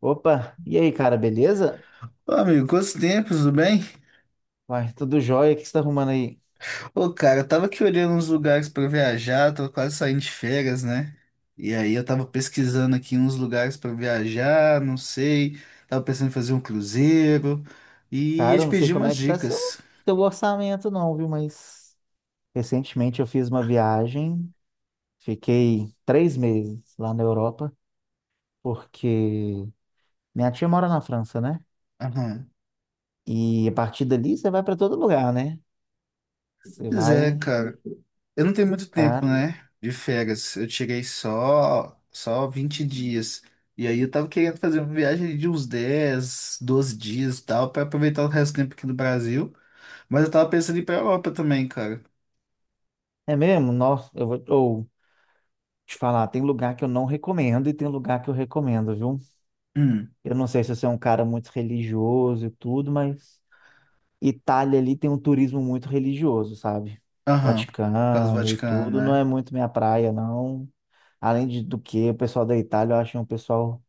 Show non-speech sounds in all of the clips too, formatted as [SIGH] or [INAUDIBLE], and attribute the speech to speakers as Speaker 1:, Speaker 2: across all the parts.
Speaker 1: Opa, e aí, cara, beleza?
Speaker 2: Ô, amigo, quantos tempos, tudo bem?
Speaker 1: Uai, tudo jóia, o que você tá arrumando aí?
Speaker 2: Ô, cara, eu tava aqui olhando uns lugares pra viajar, tô quase saindo de férias, né? E aí eu tava pesquisando aqui uns lugares pra viajar, não sei, tava pensando em fazer um cruzeiro e ia
Speaker 1: Cara,
Speaker 2: te
Speaker 1: eu não sei
Speaker 2: pedir
Speaker 1: como
Speaker 2: umas
Speaker 1: é que tá seu,
Speaker 2: dicas.
Speaker 1: orçamento não, viu? Mas recentemente eu fiz uma viagem, fiquei três meses lá na Europa, porque minha tia mora na França, né?
Speaker 2: Aham.
Speaker 1: E a partir dali você vai pra todo lugar, né? Você
Speaker 2: Pois é,
Speaker 1: vai,
Speaker 2: cara, eu não tenho muito tempo,
Speaker 1: cara,
Speaker 2: né, de férias, eu tirei só 20 dias. E aí eu tava querendo fazer uma viagem de uns 10, 12 dias e tal, pra aproveitar o resto do tempo aqui no Brasil. Mas eu tava pensando em ir pra Europa também, cara.
Speaker 1: é mesmo? Nossa, te falar, tem lugar que eu não recomendo e tem lugar que eu recomendo, viu?
Speaker 2: Hum,
Speaker 1: Eu não sei se você é um cara muito religioso e tudo, mas... Itália ali tem um turismo muito religioso, sabe?
Speaker 2: aham. Por causa do
Speaker 1: Vaticano e
Speaker 2: Vaticano,
Speaker 1: tudo, não é
Speaker 2: né?
Speaker 1: muito minha praia, não. Além de, do que, O pessoal da Itália, eu acho um pessoal.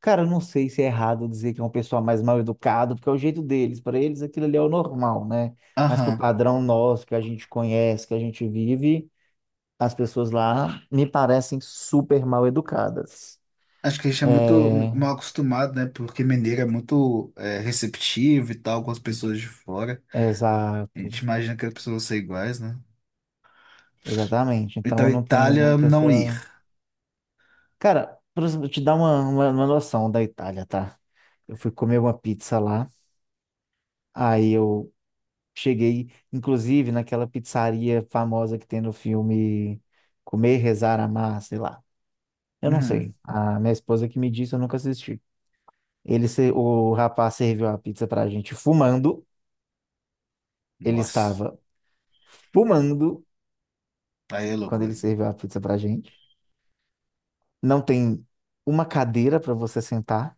Speaker 1: Cara, eu não sei se é errado dizer que é um pessoal mais mal educado, porque é o jeito deles. Para eles, aquilo ali é o normal, né? Mas pro
Speaker 2: Aham.
Speaker 1: padrão nosso, que a gente conhece, que a gente vive, as pessoas lá me parecem super mal educadas.
Speaker 2: Acho que a gente é muito
Speaker 1: É,
Speaker 2: mal acostumado, né? Porque Mineiro é muito receptivo e tal com as pessoas de fora. A
Speaker 1: exato,
Speaker 2: gente imagina que as pessoas vão ser iguais, né?
Speaker 1: exatamente. Então
Speaker 2: Então,
Speaker 1: eu não tenho
Speaker 2: Itália,
Speaker 1: muito
Speaker 2: não ir.
Speaker 1: essa. Cara, pra eu te dar uma noção da Itália, tá? Eu fui comer uma pizza lá, aí eu cheguei, inclusive, naquela pizzaria famosa que tem no filme Comer, Rezar, Amar, sei lá. Eu não
Speaker 2: Uhum.
Speaker 1: sei. A minha esposa que me disse, eu nunca assisti. Ele, se- O rapaz serviu a pizza pra gente fumando. Ele
Speaker 2: Nossa.
Speaker 1: estava fumando
Speaker 2: Aí é
Speaker 1: quando
Speaker 2: loucura.
Speaker 1: ele serviu a pizza pra gente. Não tem uma cadeira pra você sentar.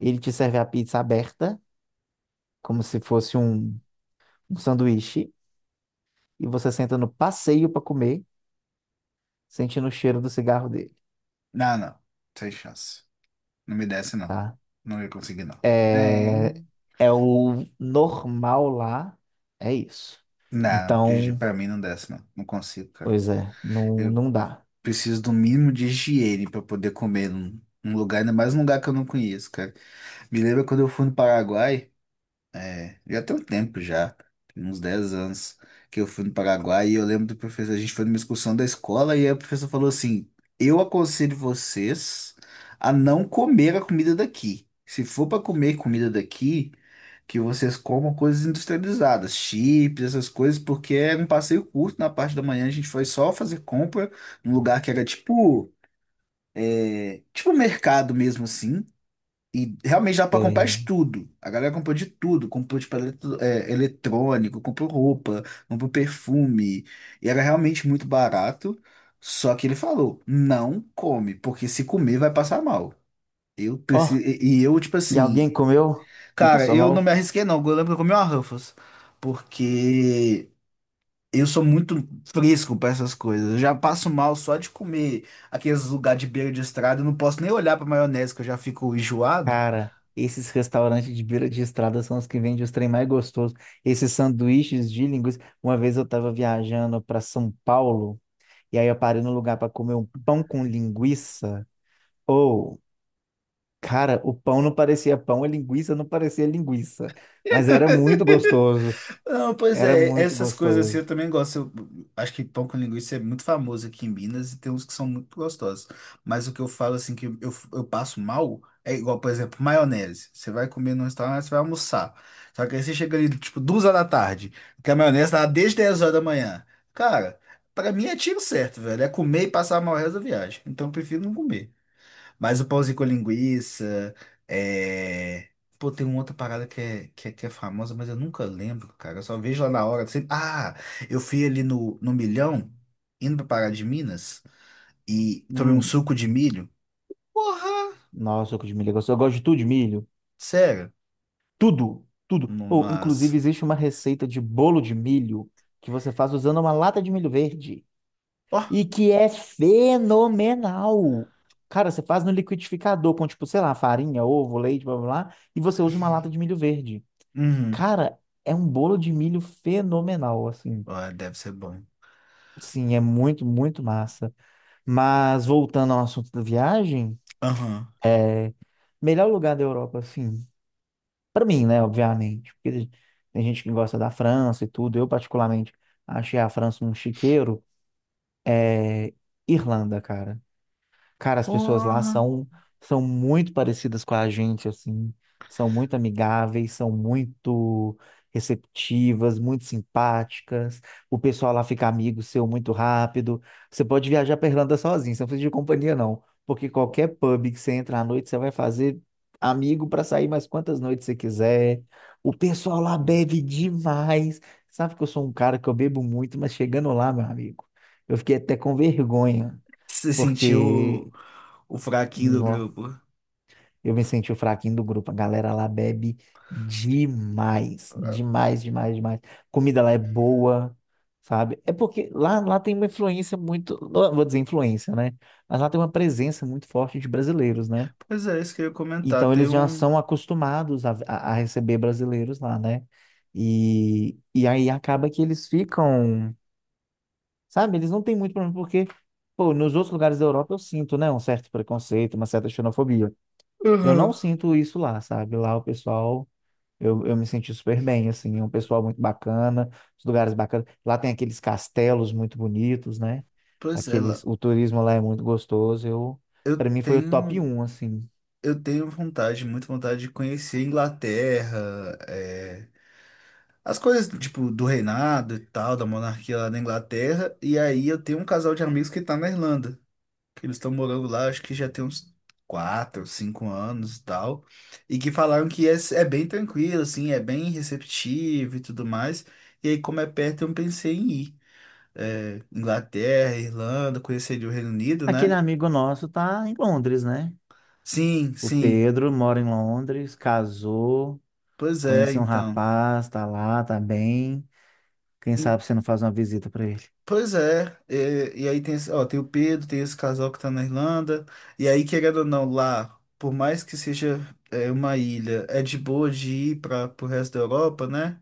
Speaker 1: Ele te serve a pizza aberta, como se fosse um sanduíche e você senta no passeio para comer, sentindo o cheiro do cigarro dele,
Speaker 2: Não, não. Sem chance. Não me desce, não.
Speaker 1: tá?
Speaker 2: Não ia conseguir, não.
Speaker 1: É,
Speaker 2: Nem.
Speaker 1: é o normal lá, é isso.
Speaker 2: Não, Gigi,
Speaker 1: Então,
Speaker 2: pra mim não desce, não. Não consigo, cara.
Speaker 1: pois é, não,
Speaker 2: Eu,
Speaker 1: não dá.
Speaker 2: Preciso do mínimo de higiene para poder comer num lugar, ainda mais num lugar que eu não conheço, cara. Me lembra quando eu fui no Paraguai, já tem um tempo já, tem uns 10 anos que eu fui no Paraguai e eu lembro do professor, a gente foi numa excursão da escola e aí o professor falou assim: "Eu aconselho vocês a não comer a comida daqui. Se for para comer comida daqui, que vocês comam coisas industrializadas, chips, essas coisas, porque era um passeio curto na parte da manhã, a gente foi só fazer compra num lugar que era tipo um mercado mesmo assim. E realmente dá pra comprar de
Speaker 1: Tem-
Speaker 2: tudo. A galera comprou de tudo. Comprou, tipo, eletrônico, comprou roupa, comprou perfume. E era realmente muito barato. Só que ele falou, não come, porque se comer vai passar mal. Eu preciso...
Speaker 1: Ó,
Speaker 2: E eu, tipo
Speaker 1: e alguém
Speaker 2: assim,
Speaker 1: comeu e
Speaker 2: cara,
Speaker 1: passou
Speaker 2: eu não
Speaker 1: mal?
Speaker 2: me arrisquei não. Eu lembro que eu comi uma Ruffles. Porque eu sou muito fresco pra essas coisas. Eu já passo mal só de comer aqueles lugares de beira de estrada. Eu não posso nem olhar pra maionese, que eu já fico enjoado.
Speaker 1: Cara, esses restaurantes de beira de estrada são os que vendem os trem mais gostosos. Esses sanduíches de linguiça. Uma vez eu tava viajando para São Paulo e aí eu parei num lugar para comer um pão com linguiça. Cara, o pão não parecia pão, a linguiça não parecia linguiça. Mas era muito gostoso.
Speaker 2: Não, pois
Speaker 1: Era
Speaker 2: é,
Speaker 1: muito
Speaker 2: essas coisas assim eu
Speaker 1: gostoso.
Speaker 2: também gosto. Eu acho que pão com linguiça é muito famoso aqui em Minas e tem uns que são muito gostosos. Mas o que eu falo assim que eu passo mal é igual, por exemplo, maionese. Você vai comer num restaurante, você vai almoçar. Só que aí você chega ali, tipo, 2 horas da tarde, que a maionese tá lá desde 10 horas da manhã. Cara, pra mim é tiro certo, velho. É comer e passar mal o resto da viagem. Então eu prefiro não comer. Mas o pãozinho com linguiça, é... Pô, tem uma outra parada que é famosa, mas eu nunca lembro, cara. Eu só vejo lá na hora. Ah, eu fui ali no Milhão, indo pra Pará de Minas, e tomei um
Speaker 1: Hum,
Speaker 2: suco de milho. Porra!
Speaker 1: nossa, suco de milho é gostoso. Eu gosto de tudo de milho.
Speaker 2: Sério?
Speaker 1: Tudo, tudo. Ou,
Speaker 2: Nossa.
Speaker 1: inclusive, existe uma receita de bolo de milho que você faz usando uma lata de milho verde.
Speaker 2: Ó.
Speaker 1: E que é fenomenal. Cara, você faz no liquidificador com, tipo, sei lá, farinha, ovo, leite, blá, blá, blá. E você usa uma lata de
Speaker 2: [LAUGHS]
Speaker 1: milho verde.
Speaker 2: Uhum.
Speaker 1: Cara, é um bolo de milho fenomenal, assim.
Speaker 2: Ó, deve ser bom.
Speaker 1: Sim, é muito, muito massa. Mas voltando ao assunto da viagem,
Speaker 2: Aham.
Speaker 1: melhor lugar da Europa, assim, para mim, né, obviamente, porque tem gente que gosta da França e tudo. Eu, particularmente, achei a França um chiqueiro. É Irlanda, cara. Cara, as pessoas lá
Speaker 2: Porra.
Speaker 1: são, são muito parecidas com a gente, assim. São muito amigáveis, são muito receptivas, muito simpáticas. O pessoal lá fica amigo seu muito rápido. Você pode viajar pra Irlanda sozinho, você não precisa de companhia, não. Porque qualquer pub que você entra à noite, você vai fazer amigo para sair mais quantas noites você quiser. O pessoal lá bebe demais. Sabe que eu sou um cara que eu bebo muito, mas chegando lá, meu amigo, eu fiquei até com vergonha
Speaker 2: Você sentiu o,
Speaker 1: porque
Speaker 2: o fraquinho do
Speaker 1: Nó,
Speaker 2: grupo.
Speaker 1: eu me senti o fraquinho do grupo. A galera lá bebe demais, demais, demais, demais. Comida lá é boa, sabe? É porque lá, lá tem uma influência muito, não vou dizer influência, né? Mas lá tem uma presença muito forte de brasileiros, né?
Speaker 2: Pois é, isso que eu ia comentar.
Speaker 1: Então
Speaker 2: Tem
Speaker 1: eles já
Speaker 2: um.
Speaker 1: são acostumados a receber brasileiros lá, né? Aí acaba que eles ficam, sabe? Eles não têm muito problema, porque, pô, nos outros lugares da Europa eu sinto, né? Um certo preconceito, uma certa xenofobia. Eu não
Speaker 2: Aham.
Speaker 1: sinto isso lá, sabe? Lá o pessoal, eu me senti super bem, assim, é um pessoal muito bacana, os lugares bacanas. Lá tem aqueles castelos muito bonitos, né?
Speaker 2: Pois é,
Speaker 1: Aqueles,
Speaker 2: Lau.
Speaker 1: o turismo lá é muito gostoso. Eu,
Speaker 2: eu
Speaker 1: para mim foi o top
Speaker 2: tenho,
Speaker 1: um assim.
Speaker 2: eu tenho vontade, muito vontade de conhecer a Inglaterra, as coisas tipo do reinado e tal, da monarquia lá na Inglaterra. E aí eu tenho um casal de amigos que tá na Irlanda, que eles estão morando lá, acho que já tem uns 4, 5 anos e tal, e que falaram que é bem tranquilo, assim, é bem receptivo e tudo mais. E aí, como é perto, eu pensei em ir. É, Inglaterra, Irlanda, conheceria o Reino Unido,
Speaker 1: Aquele
Speaker 2: né?
Speaker 1: amigo nosso tá em Londres, né?
Speaker 2: Sim,
Speaker 1: O
Speaker 2: sim.
Speaker 1: Pedro mora em Londres, casou,
Speaker 2: Pois é,
Speaker 1: conheceu um
Speaker 2: então.
Speaker 1: rapaz, tá lá, tá bem. Quem
Speaker 2: Em-
Speaker 1: sabe você não faz uma visita para ele?
Speaker 2: Pois é, e aí tem, ó, tem o Pedro, tem esse casal que tá na Irlanda, e aí, querendo ou não, lá, por mais que seja uma ilha, é de boa de ir para pro resto da Europa, né?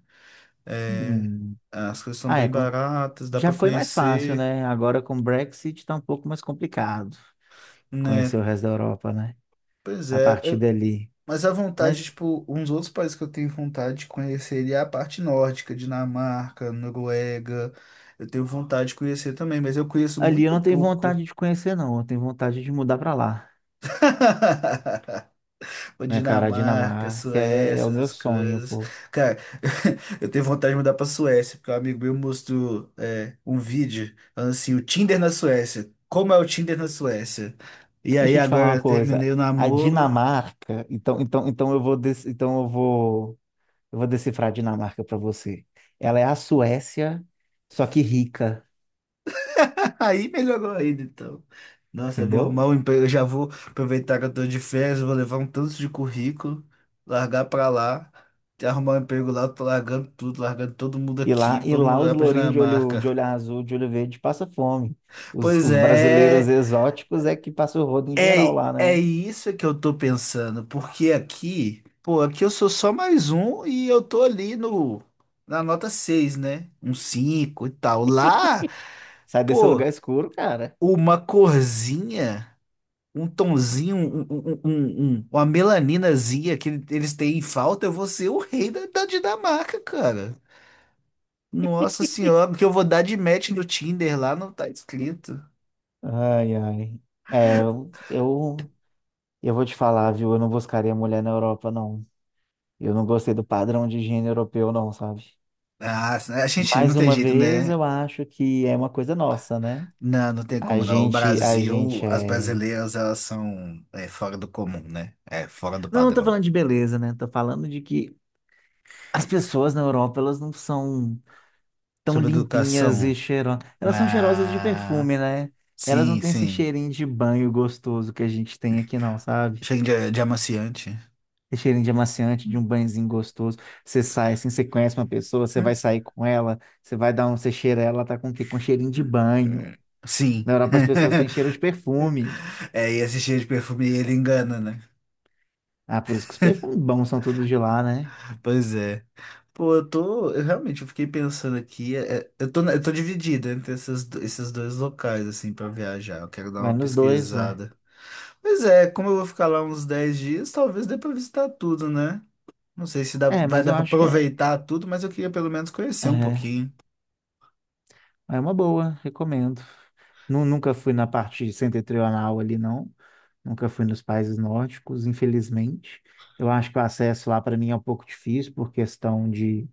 Speaker 2: É,
Speaker 1: Hum.
Speaker 2: as coisas são
Speaker 1: Ah, é,
Speaker 2: bem
Speaker 1: com-
Speaker 2: baratas, dá
Speaker 1: Já
Speaker 2: para
Speaker 1: foi mais fácil,
Speaker 2: conhecer,
Speaker 1: né? Agora com o Brexit tá um pouco mais complicado
Speaker 2: né?
Speaker 1: conhecer o resto da Europa, né?
Speaker 2: Pois
Speaker 1: A
Speaker 2: é,
Speaker 1: partir dali.
Speaker 2: mas a vontade,
Speaker 1: Mas
Speaker 2: tipo, uns outros países que eu tenho vontade de conhecer é a parte nórdica, Dinamarca, Noruega, eu tenho vontade de conhecer também, mas eu conheço
Speaker 1: ali eu
Speaker 2: muito
Speaker 1: não tenho
Speaker 2: pouco.
Speaker 1: vontade de conhecer, não. Eu tenho vontade de mudar pra lá,
Speaker 2: [LAUGHS] Ou
Speaker 1: né, cara? A
Speaker 2: Dinamarca,
Speaker 1: Dinamarca é o
Speaker 2: Suécia,
Speaker 1: meu
Speaker 2: essas
Speaker 1: sonho,
Speaker 2: coisas.
Speaker 1: pô.
Speaker 2: Cara, [LAUGHS] eu tenho vontade de mudar pra Suécia, porque um amigo meu mostrou um vídeo falando assim, o Tinder na Suécia. Como é o Tinder na Suécia? E aí
Speaker 1: Deixa eu te falar
Speaker 2: agora
Speaker 1: uma
Speaker 2: eu
Speaker 1: coisa.
Speaker 2: terminei o
Speaker 1: A
Speaker 2: namoro.
Speaker 1: Dinamarca, então eu vou decifrar a Dinamarca pra você. Ela é a Suécia, só que rica,
Speaker 2: [LAUGHS] Aí melhorou ainda, então. Nossa, eu vou
Speaker 1: entendeu?
Speaker 2: arrumar um emprego. Eu já vou aproveitar que eu tô de férias, eu vou levar um tanto de currículo, largar pra lá, arrumar um emprego lá, eu tô largando tudo, largando todo mundo
Speaker 1: E
Speaker 2: aqui.
Speaker 1: lá, e
Speaker 2: Vamos
Speaker 1: lá os
Speaker 2: lá pra
Speaker 1: lourinhos de
Speaker 2: Dinamarca.
Speaker 1: olho azul, de olho verde, passa fome. Os,
Speaker 2: Pois
Speaker 1: os
Speaker 2: é,
Speaker 1: brasileiros exóticos é que passa o rodo em geral
Speaker 2: é,
Speaker 1: lá,
Speaker 2: é
Speaker 1: né?
Speaker 2: isso que eu tô pensando, porque aqui, pô, aqui eu sou só mais um e eu tô ali no na nota 6, né? Um 5 e tal. Lá,
Speaker 1: Sai desse
Speaker 2: pô,
Speaker 1: lugar escuro, cara.
Speaker 2: uma corzinha, um tomzinho, uma melaninazinha que eles têm em falta, eu vou ser o rei da Dinamarca, cara. Nossa senhora, porque eu vou dar de match no Tinder lá, não tá escrito.
Speaker 1: Ai, ai. É, eu, eu, eu vou te falar, viu? Eu não buscaria mulher na Europa, não. Eu não gostei do padrão de higiene europeu, não, sabe?
Speaker 2: Ah, a gente não
Speaker 1: Mais
Speaker 2: tem
Speaker 1: uma
Speaker 2: jeito,
Speaker 1: vez,
Speaker 2: né?
Speaker 1: eu acho que é uma coisa nossa, né?
Speaker 2: Não, não tem como não. O
Speaker 1: A
Speaker 2: Brasil,
Speaker 1: gente
Speaker 2: as
Speaker 1: é.
Speaker 2: brasileiras, elas são fora do comum, né? É, fora do
Speaker 1: Não, não tô
Speaker 2: padrão.
Speaker 1: falando de beleza, né? Tô falando de que as pessoas na Europa, elas não são tão
Speaker 2: Sobre
Speaker 1: limpinhas
Speaker 2: educação,
Speaker 1: e cheirosas. Elas são cheirosas de
Speaker 2: ah,
Speaker 1: perfume, né? Elas não
Speaker 2: sim,
Speaker 1: têm esse
Speaker 2: sim.
Speaker 1: cheirinho de banho gostoso que a gente tem aqui, não, sabe?
Speaker 2: Chega de amaciante.
Speaker 1: Esse cheirinho de amaciante, de um banhozinho gostoso. Você sai assim, você conhece uma pessoa, você vai sair com ela, você vai dar um, você cheira ela, ela tá com o quê? Com cheirinho de banho.
Speaker 2: Sim.
Speaker 1: Na Europa as pessoas têm cheiro
Speaker 2: [LAUGHS]
Speaker 1: de perfume.
Speaker 2: É, e esse cheiro de perfume, ele engana, né?
Speaker 1: Ah, por isso que os perfumes bons são tudo de lá, né?
Speaker 2: Pois é. Pô, eu tô. Eu realmente eu fiquei pensando aqui. Eu tô dividido entre esses dois locais, assim, pra viajar. Eu quero dar
Speaker 1: Vai
Speaker 2: uma
Speaker 1: nos dois, ué.
Speaker 2: pesquisada. Pois é, como eu vou ficar lá uns 10 dias, talvez dê pra visitar tudo, né? Não sei se dá,
Speaker 1: É,
Speaker 2: vai
Speaker 1: mas eu
Speaker 2: dar pra
Speaker 1: acho que é.
Speaker 2: aproveitar tudo, mas eu queria pelo menos conhecer um
Speaker 1: É.
Speaker 2: pouquinho.
Speaker 1: É uma boa, recomendo. Nu- Nunca fui na parte setentrional ali, não. Nunca fui nos países nórdicos, infelizmente. Eu acho que o acesso lá para mim é um pouco difícil por questão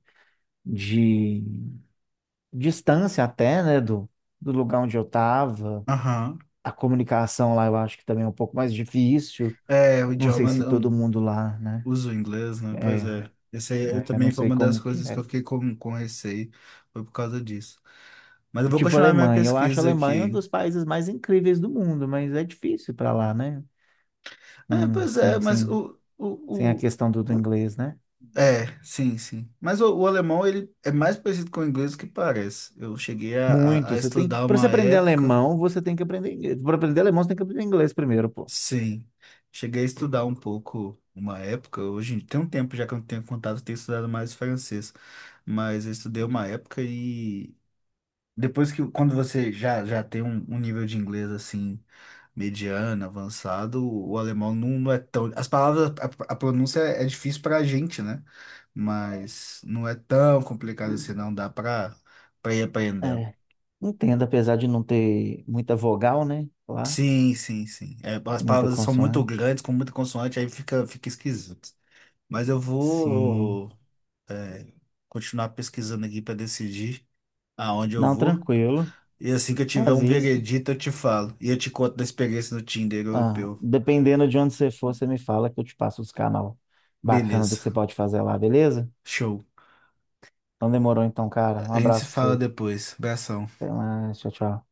Speaker 1: de distância até, né, do, do lugar onde eu estava.
Speaker 2: Aham.
Speaker 1: A comunicação lá eu acho que também é um pouco mais difícil.
Speaker 2: É, o
Speaker 1: Não sei
Speaker 2: idioma
Speaker 1: se todo
Speaker 2: não
Speaker 1: mundo lá, né?
Speaker 2: uso o inglês, né?
Speaker 1: É,
Speaker 2: Pois é. Esse aí eu
Speaker 1: eu não
Speaker 2: também foi
Speaker 1: sei
Speaker 2: uma das
Speaker 1: como que
Speaker 2: coisas que eu
Speaker 1: é.
Speaker 2: fiquei com receio, foi por causa disso. Mas eu vou
Speaker 1: Tipo
Speaker 2: continuar minha
Speaker 1: Alemanha, eu acho a
Speaker 2: pesquisa
Speaker 1: Alemanha um
Speaker 2: aqui.
Speaker 1: dos países mais incríveis do mundo, mas é difícil para lá, né?
Speaker 2: É,
Speaker 1: Não,
Speaker 2: pois é,
Speaker 1: sem a
Speaker 2: o...
Speaker 1: questão do, do inglês, né?
Speaker 2: É, sim, sim. Mas o alemão, ele é mais parecido com o inglês do que parece. Eu cheguei a, a,
Speaker 1: Muito.
Speaker 2: a
Speaker 1: Você tem,
Speaker 2: estudar
Speaker 1: para você
Speaker 2: uma
Speaker 1: aprender
Speaker 2: época.
Speaker 1: alemão, você tem que aprender inglês. Para aprender alemão, você tem que aprender inglês primeiro, pô.
Speaker 2: Sim, cheguei a estudar um pouco uma época, hoje tem um tempo já que eu não tenho contato, eu tenho estudado mais francês, mas eu estudei uma época e depois que, quando você já tem um nível de inglês assim, mediano, avançado, o alemão não é tão, as palavras, a pronúncia é difícil pra gente, né? Mas não é tão complicado assim, não dá pra ir aprendendo.
Speaker 1: É. Entendo, apesar de não ter muita vogal, né? Lá,
Speaker 2: Sim, sim, sim. É, as
Speaker 1: tem muita
Speaker 2: palavras são muito
Speaker 1: consoante.
Speaker 2: grandes, com muita consoante, aí fica, fica esquisito. Mas eu
Speaker 1: Sim.
Speaker 2: vou é, continuar pesquisando aqui para decidir aonde eu
Speaker 1: Não,
Speaker 2: vou.
Speaker 1: tranquilo.
Speaker 2: E assim que eu tiver
Speaker 1: Faz
Speaker 2: um
Speaker 1: isso.
Speaker 2: veredito, eu te falo. E eu te conto da experiência no Tinder
Speaker 1: Ah,
Speaker 2: europeu.
Speaker 1: dependendo de onde você for, você me fala que eu te passo os canal bacana do que
Speaker 2: Beleza.
Speaker 1: você pode fazer lá, beleza?
Speaker 2: Show.
Speaker 1: Então demorou então, cara. Um
Speaker 2: A gente se
Speaker 1: abraço pra
Speaker 2: fala
Speaker 1: você.
Speaker 2: depois. Abração.
Speaker 1: Até mais. Tchau, tchau.